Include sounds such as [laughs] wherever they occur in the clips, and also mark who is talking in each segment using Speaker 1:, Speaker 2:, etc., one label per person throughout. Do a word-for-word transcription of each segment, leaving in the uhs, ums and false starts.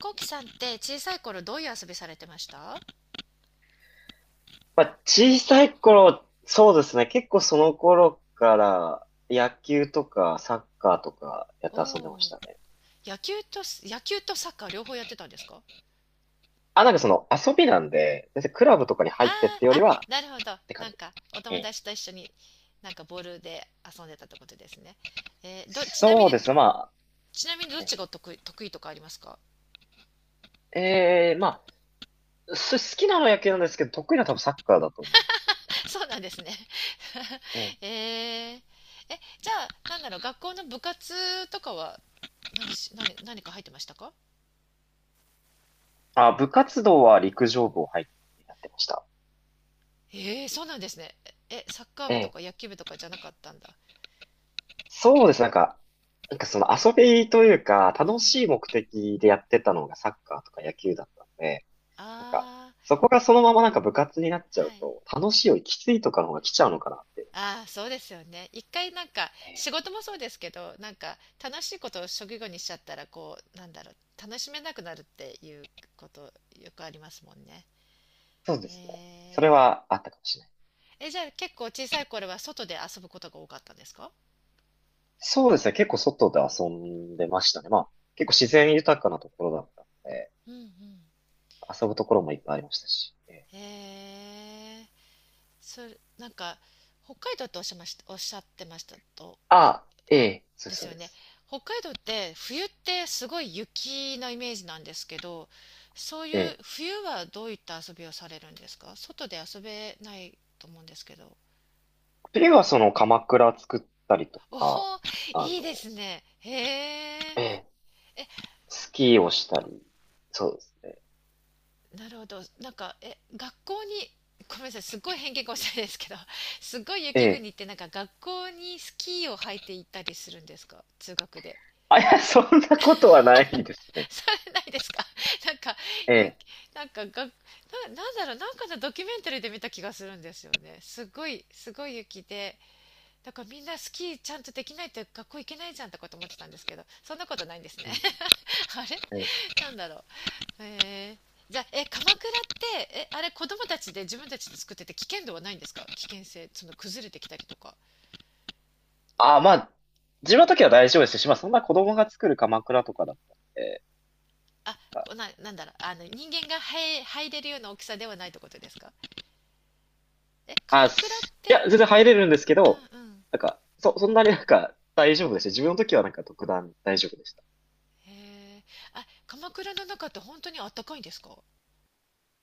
Speaker 1: こうきさんって小さい頃どういう遊びされてました？
Speaker 2: まあ、小さい頃、そうですね。結構その頃から野球とかサッカーとかやって
Speaker 1: お
Speaker 2: 遊んでまし
Speaker 1: お
Speaker 2: たね。
Speaker 1: ー、野球と野球とサッカー両方やってたんですか？
Speaker 2: あ、なんかその遊びなんで、別にクラブとかに
Speaker 1: あ
Speaker 2: 入ってってよ
Speaker 1: あ、あ、
Speaker 2: りは
Speaker 1: なるほど。
Speaker 2: って感
Speaker 1: なん
Speaker 2: じ。
Speaker 1: か、お
Speaker 2: え
Speaker 1: 友
Speaker 2: え。
Speaker 1: 達と一緒に、なんかボールで遊んでたってことですね。えーど、ちなみ
Speaker 2: そうで
Speaker 1: に、
Speaker 2: すね。ま
Speaker 1: ちなみにど
Speaker 2: あ、
Speaker 1: っ
Speaker 2: え
Speaker 1: ちが得意、得意とかありますか？
Speaker 2: え、ええ、まあ、す好きなのは野球なんですけど、得意なのは多分サッカーだと思うんです。
Speaker 1: [laughs] そうなんですね。
Speaker 2: ええ。
Speaker 1: [laughs] えー、え、じゃあ、なんだろう、学校の部活とかは、何し、何、何か入ってましたか？
Speaker 2: あ、部活動は陸上部を入ってやってました。
Speaker 1: えー、そうなんですね。え、サッカー
Speaker 2: え
Speaker 1: 部と
Speaker 2: え。
Speaker 1: か野球部とかじゃなかったんだ。
Speaker 2: そうです。なんか、なんかその遊びというか、
Speaker 1: う
Speaker 2: 楽
Speaker 1: ん、
Speaker 2: しい目的でやってたのがサッカーとか野球だったんで、なんか、
Speaker 1: あ
Speaker 2: そこがそのままなんか部活になっちゃ
Speaker 1: あ、は
Speaker 2: う
Speaker 1: い。
Speaker 2: と、楽しいよりきついとかの方が来ちゃうのかなっていうのは、
Speaker 1: ああ、そうですよね。一回なんか
Speaker 2: ええ、
Speaker 1: 仕事もそうですけど、なんか楽しいことを職業にしちゃったらこうなんだろう楽しめなくなるっていうことよくありますもんね。
Speaker 2: そうですね。それ
Speaker 1: え
Speaker 2: はあったかもしれない。
Speaker 1: ー、え、じゃあ結構小さい頃は外で遊ぶことが多かったんですか？
Speaker 2: そうですね。結構外で遊んでましたね。まあ、結構自然豊かなところだったので、
Speaker 1: うんうん。
Speaker 2: 遊ぶところもいっぱいありましたし。ええ。
Speaker 1: へえー、それなんか北海道とおっしゃいました、おっしゃってましたと。
Speaker 2: あ、ええ、そうで
Speaker 1: で
Speaker 2: す
Speaker 1: す
Speaker 2: そう
Speaker 1: よ
Speaker 2: で
Speaker 1: ね。
Speaker 2: す。
Speaker 1: 北海道って冬ってすごい雪のイメージなんですけど、そう
Speaker 2: え
Speaker 1: いう
Speaker 2: え。
Speaker 1: 冬はどういった遊びをされるんですか？外で遊べないと思うんですけど。
Speaker 2: 次はその鎌倉作ったりと
Speaker 1: おお、
Speaker 2: か、あ
Speaker 1: いいで
Speaker 2: の、
Speaker 1: すね。へえ。
Speaker 2: ええ
Speaker 1: え、
Speaker 2: スキーをしたり。そうですね。
Speaker 1: なるほど。なんか、え、学校に、ごめんなさい、すっごい偏見かもしれないですけど、すっごい
Speaker 2: え
Speaker 1: 雪
Speaker 2: え。
Speaker 1: 国ってなんか学校にスキーを履いて行ったりするんですか？通学で。
Speaker 2: あ、いや、そんなことはないです
Speaker 1: [laughs]
Speaker 2: ね。
Speaker 1: されないですか？ [laughs] なんか、
Speaker 2: え
Speaker 1: ゆ、
Speaker 2: え。
Speaker 1: なんかが、な、なんだろう、なんかのドキュメンタリーで見た気がするんですよね。すごい、すごい雪で、だからみんなスキーちゃんとできないと学校行けないじゃんとかと思ってたんですけど、そんなことないんですね。
Speaker 2: うんう
Speaker 1: [laughs] あれ
Speaker 2: ん、ええ。
Speaker 1: なんだろう。えー、じゃあ、え、鎌倉って、え、あれ子供たちで自分たちで作ってて危険度はないんですか？危険性、その崩れてきたりとか。
Speaker 2: あ、まあ、自分の時は大丈夫ですし、まあ、そんな子供が作る鎌倉とかだったんで、
Speaker 1: あ、
Speaker 2: なんか
Speaker 1: こな、なんだろう、あの、人間が入、入れるような大きさではないってことですか？え、鎌
Speaker 2: あ、あい
Speaker 1: 倉って、
Speaker 2: や、全然入れるんですけど、
Speaker 1: うんうん。
Speaker 2: なんか、そ、そんなになんか大丈夫でした。自分の時はなんか特段大丈夫でした。
Speaker 1: へえ。あ、鎌倉の中って本当にあったかいんですか？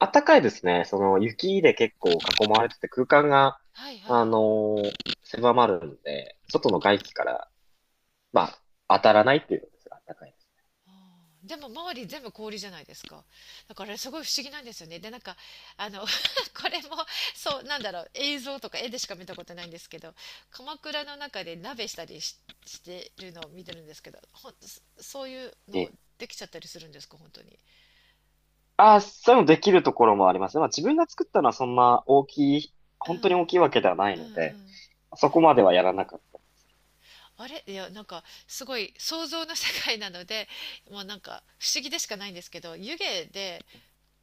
Speaker 2: あったかいですね。その、雪で結構囲まれてて空間が、
Speaker 1: はいは
Speaker 2: あ
Speaker 1: い。
Speaker 2: のー狭まるんで、外の外気から、まあ、当たらないっていうのですが、あったかいです。
Speaker 1: あーでも周り全部氷じゃないですか。だからあれすごい不思議なんですよね。で、なんか、あの、[laughs] これも、そう、なんだろう、映像とか絵でしか見たことないんですけど、鎌倉の中で鍋したりし、してるのを見てるんですけど、ほん、そそういうの
Speaker 2: ええ。
Speaker 1: できちゃったりするんですか、本当に。
Speaker 2: ああ、そういうのできるところもありますね。まあ自分が作ったのはそんな大きい、
Speaker 1: う
Speaker 2: 本当に大きいわ
Speaker 1: ん、
Speaker 2: けではない
Speaker 1: う
Speaker 2: の
Speaker 1: んう
Speaker 2: で、
Speaker 1: ん、
Speaker 2: そこまではやらなかった。
Speaker 1: あれいやなんかすごい想像の世界なのでもうなんか不思議でしかないんですけど、湯気で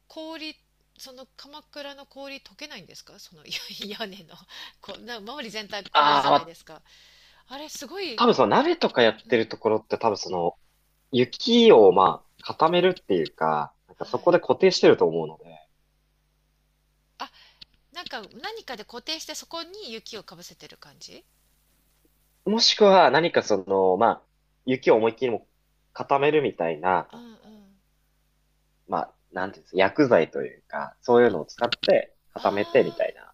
Speaker 1: 氷、その鎌倉の氷溶けないんですか？そのいや [laughs] 屋根のこうな周り全体氷
Speaker 2: あ
Speaker 1: じ
Speaker 2: あ、
Speaker 1: ゃ
Speaker 2: ま
Speaker 1: ないで
Speaker 2: あ、
Speaker 1: すか。あれすごい、
Speaker 2: 多分その鍋とか
Speaker 1: う
Speaker 2: や
Speaker 1: ん
Speaker 2: っ
Speaker 1: う
Speaker 2: てる
Speaker 1: ん、
Speaker 2: ところって多分その雪をまあ固めるっていうか、なんか
Speaker 1: は
Speaker 2: そこ
Speaker 1: い、
Speaker 2: で固定してると思うので、
Speaker 1: あ、なんか何かで固定してそこに雪をかぶせてる感じ。
Speaker 2: もしくは何かその、まあ、雪を思いっきりも固めるみたい
Speaker 1: うん
Speaker 2: な、
Speaker 1: うん、
Speaker 2: まあ、なんていうんですか、薬剤というか、そういうのを使って固めてみ
Speaker 1: あ
Speaker 2: たいな。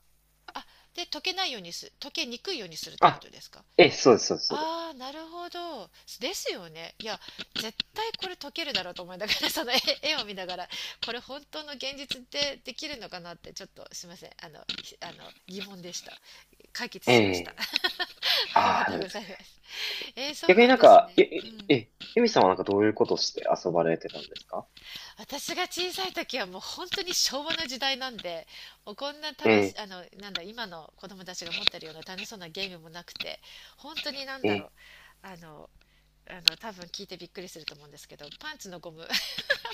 Speaker 1: ー、あで溶けないようにす溶けにくいようにするってこ
Speaker 2: あ、
Speaker 1: とですか？
Speaker 2: ええ、そうです、そうです。そうです
Speaker 1: ああ、なるほど。ですよね。いや、絶対これ解けるだろうと思いながら、[laughs] その絵、絵を見ながら、これ本当の現実ってできるのかなって、ちょっとすいません。あの、ひあの、疑問でした。解決しました。
Speaker 2: え
Speaker 1: [laughs]
Speaker 2: え。
Speaker 1: ありが
Speaker 2: あ
Speaker 1: と
Speaker 2: あ、
Speaker 1: うございます。えー、そう
Speaker 2: 逆
Speaker 1: な
Speaker 2: に
Speaker 1: ん
Speaker 2: なん
Speaker 1: です
Speaker 2: か、
Speaker 1: ね。
Speaker 2: え、
Speaker 1: う
Speaker 2: え、
Speaker 1: ん。
Speaker 2: え、エミさんはなんかどういうことして遊ばれてたんですか？
Speaker 1: 私が小さい時はもう本当に昭和の時代なんで、もうこんな
Speaker 2: え
Speaker 1: 楽し、
Speaker 2: え、
Speaker 1: あの、なんだ、今の子供たちが持ってるような楽しそうなゲームもなくて、本当になん
Speaker 2: え
Speaker 1: だろう。
Speaker 2: え、
Speaker 1: あのあの多分聞いてびっくりすると思うんですけど、パンツのゴム。 [laughs]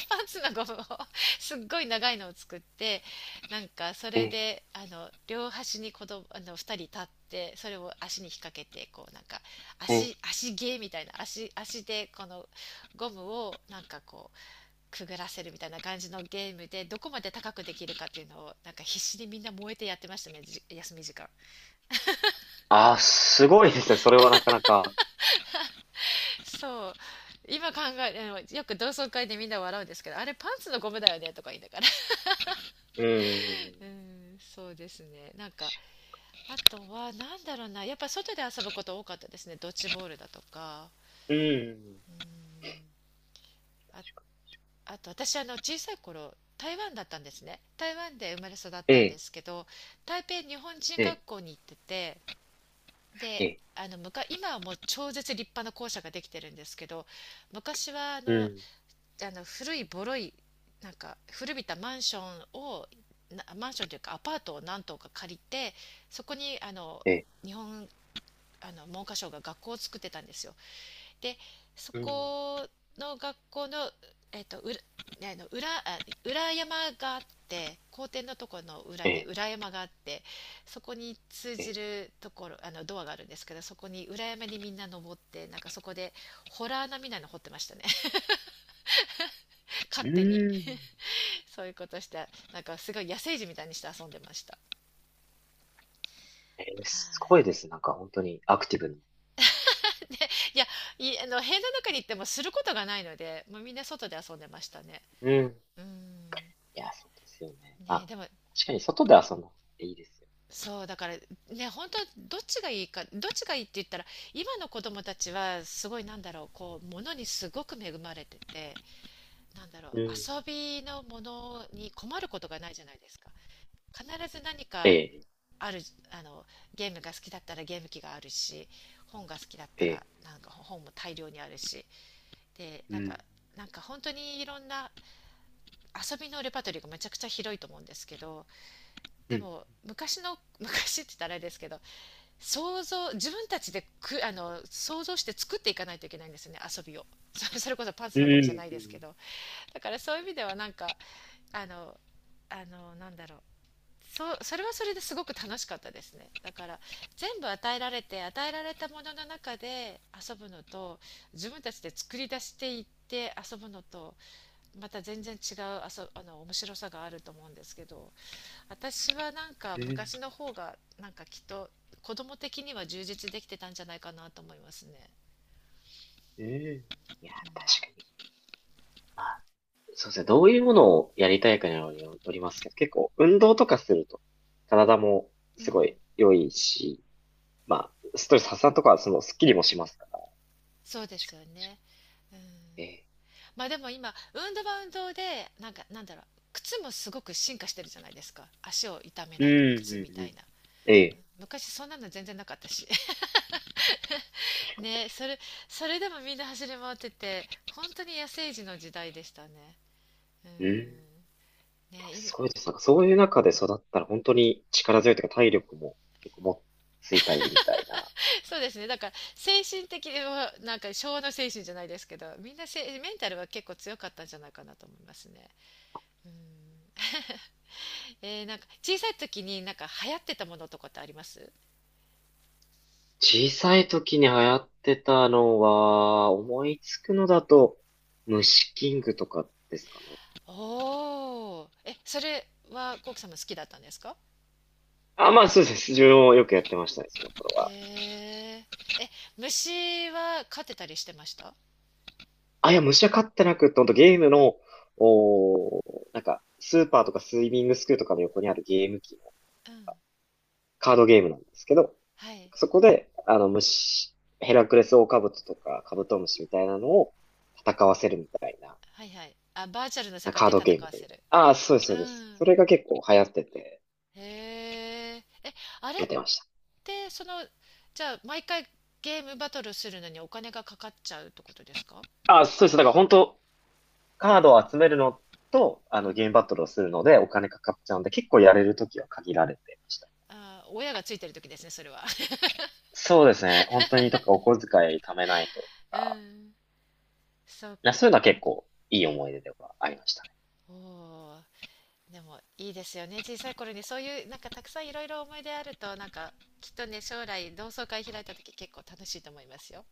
Speaker 1: パンツのゴムを [laughs] すっごい長いのを作って、なんかそれ
Speaker 2: え
Speaker 1: であの両端に子供あのふたり立って、それを足に引っ掛けてこうなんか
Speaker 2: え、え、
Speaker 1: 足足芸みたいな、足足でこのゴムをなんかこうくぐらせるみたいな感じのゲームで、どこまで高くできるかっていうのをなんか必死にみんな燃えてやってましたね、じ休み時間。
Speaker 2: ああー、すごいですね。それはなかなか。
Speaker 1: そう今考え、よく同窓会でみんな笑うんですけど、あれパンツのゴムだよねとか言いながら、
Speaker 2: うん。
Speaker 1: うん、そうですね。なんか、あとは、なんだろうな、やっぱ外で遊ぶこと多かったですね。ドッジボールだとか。
Speaker 2: うん。
Speaker 1: うん、あ、あと私、あの、小さい頃、台湾だったんですね。台湾で生まれ育っ
Speaker 2: え
Speaker 1: たんで
Speaker 2: え、
Speaker 1: すけど、台北日本人
Speaker 2: ええ、
Speaker 1: 学校に行ってて、
Speaker 2: え
Speaker 1: で、
Speaker 2: え、
Speaker 1: あの昔、今はもう超絶立派な校舎ができてるんですけど、昔はあ
Speaker 2: う
Speaker 1: の
Speaker 2: ん。
Speaker 1: あの古いボロい、なんか古びたマンションを、なマンションというかアパートを何棟か借りて、そこにあの、
Speaker 2: ええ、
Speaker 1: 日本あの文科省が学校を作ってたんですよ。でそ
Speaker 2: うん。
Speaker 1: この学校の、えっと裏、ねあの裏裏山があって、校庭のところの裏
Speaker 2: え
Speaker 1: に
Speaker 2: え、
Speaker 1: 裏山があって、そこに通
Speaker 2: え
Speaker 1: じ
Speaker 2: え、
Speaker 1: るところあのドアがあるんですけど、そこに裏山にみんな登って、なんかそこでホラーなみたいなの掘ってましたね。 [laughs] 勝
Speaker 2: う
Speaker 1: 手に。
Speaker 2: ん。
Speaker 1: そういうことして、なんかすごい野生児みたいにして遊んでました。
Speaker 2: ええ、
Speaker 1: は
Speaker 2: すご
Speaker 1: い、
Speaker 2: いです。なんか本当にアクティブな。
Speaker 1: いやいあの部屋の中に行ってもすることがないので、もうみんな外で遊んでましたね。
Speaker 2: うん。
Speaker 1: うん、
Speaker 2: いや、そうですよね。まあ、
Speaker 1: ねでも、
Speaker 2: 確かに外で遊んだ方がいいですよ。
Speaker 1: そうだからね本当、どっちがいいかどっちがいいって言ったら、今の子供たちはすごいなんだろうこう物にすごく恵まれてて、なんだろう
Speaker 2: うん。
Speaker 1: 遊びのものに困ることがないじゃないですか。必ず何
Speaker 2: え
Speaker 1: か
Speaker 2: え、
Speaker 1: ある。あのゲームが好きだったらゲーム機があるし、本が好きだった
Speaker 2: え
Speaker 1: ら
Speaker 2: え、
Speaker 1: なんか本も大量にあるし、で
Speaker 2: う
Speaker 1: なん
Speaker 2: ん。
Speaker 1: かなんか本当にいろんな遊びのレパートリーがめちゃくちゃ広いと思うんですけど、
Speaker 2: う
Speaker 1: で
Speaker 2: ん。
Speaker 1: も昔の [laughs] 昔って言ったらあれですけど、想像自分たちでくあの想像して作っていかないといけないんですよね、遊びを。そそれこそパンツ
Speaker 2: う
Speaker 1: のゴムじゃな
Speaker 2: ん。
Speaker 1: い
Speaker 2: う
Speaker 1: ですけ
Speaker 2: ん。
Speaker 1: ど。だからそういう意味ではなんかあのあのなんだろうそうそれはそれですごく楽しかったですねだから、全部与えられて与えられたものの中で遊ぶのと、自分たちで作り出していって遊ぶのと、また全然違う遊あの面白さがあると思うんですけど、私はなんか
Speaker 2: うん、
Speaker 1: 昔の方がなんかきっと子供的には充実できてたんじゃないかなと思いますね。
Speaker 2: ええ。いや、確かに。まあ、そうですね。どういうものをやりたいかによりよりますけど、結構運動とかすると、体も
Speaker 1: う
Speaker 2: す
Speaker 1: ん、
Speaker 2: ごい良いし、まあ、ストレス発散とかはそのスッキリもしますから。
Speaker 1: そうで
Speaker 2: 確
Speaker 1: す
Speaker 2: か
Speaker 1: よね、うん、
Speaker 2: に。ええ。
Speaker 1: まあでも今運動は運動で、なんかなんだろう靴もすごく進化してるじゃないですか、足を痛め
Speaker 2: うん、
Speaker 1: ない靴
Speaker 2: う
Speaker 1: み
Speaker 2: ん、う
Speaker 1: たい
Speaker 2: ん。
Speaker 1: な。
Speaker 2: え、ええ。
Speaker 1: 昔そんなの全然なかったし。
Speaker 2: 確
Speaker 1: [laughs]
Speaker 2: かに、確
Speaker 1: ねそ
Speaker 2: か
Speaker 1: れ、それでもみんな走り回ってて、本当に野生児の時代でしたね。う
Speaker 2: に。うん。いや、
Speaker 1: ん、ね今
Speaker 2: すごいです。なんかそういう中で育ったら本当に力強いというか体力も結構もついたりみたいな。
Speaker 1: [laughs] そうですね、だから精神的にはなんか昭和の精神じゃないですけど、みんなせメンタルは結構強かったんじゃないかなと思いますね。うん、えー、なんか小さい時になんか流行ってたものとかってあります？
Speaker 2: 小さい時に流行ってたのは、思いつくのだと、虫キングとかですかね。
Speaker 1: おーえ、それはコウキさんも好きだったんですか？
Speaker 2: あ、まあそうです。自分もよくやってましたね、その頃
Speaker 1: へ
Speaker 2: は。
Speaker 1: え。え、虫は勝てたりしてました？
Speaker 2: あ、いや、虫は飼ってなくって、ほんとゲームの、おー、なんか、スーパーとかスイミングスクールとかの横にあるゲーム機の
Speaker 1: うん。
Speaker 2: カードゲームなんですけど、
Speaker 1: はい。
Speaker 2: そこで、あの、虫、ヘラクレスオオカブトとかカブトムシみたいなのを戦わせるみたいな、
Speaker 1: はいはい。あ、バーチャルの世界
Speaker 2: カー
Speaker 1: で
Speaker 2: ド
Speaker 1: 戦
Speaker 2: ゲーム
Speaker 1: わ
Speaker 2: でみ
Speaker 1: せ
Speaker 2: たい
Speaker 1: る。
Speaker 2: な。ああ、そうです、
Speaker 1: う
Speaker 2: そうです。そ
Speaker 1: ん。
Speaker 2: れが結構流行ってて、
Speaker 1: へえ。え、あれ
Speaker 2: や
Speaker 1: っ
Speaker 2: ってました。
Speaker 1: て、その、じゃあ、毎回ゲームバトルするのにお金がかかっちゃうってことですか？
Speaker 2: あ、そうです。だから本当、カードを集めるのと、あ
Speaker 1: う
Speaker 2: の、
Speaker 1: ん。
Speaker 2: ゲームバトルをするので、お金かかっちゃうんで、結構やれるときは限られてました。
Speaker 1: あー、親がついてる時ですね、それは。[laughs]
Speaker 2: そうですね。本当に、とか、お小遣い貯めないとと
Speaker 1: う
Speaker 2: か、
Speaker 1: ん。[laughs] そっ
Speaker 2: いやそういうのは結構いい思い出ではありました。
Speaker 1: おでもいいですよね、小さい頃にそういうなんかたくさんいろいろ思い出あると、なんかきっとね将来同窓会開いた時結構楽しいと思いますよ。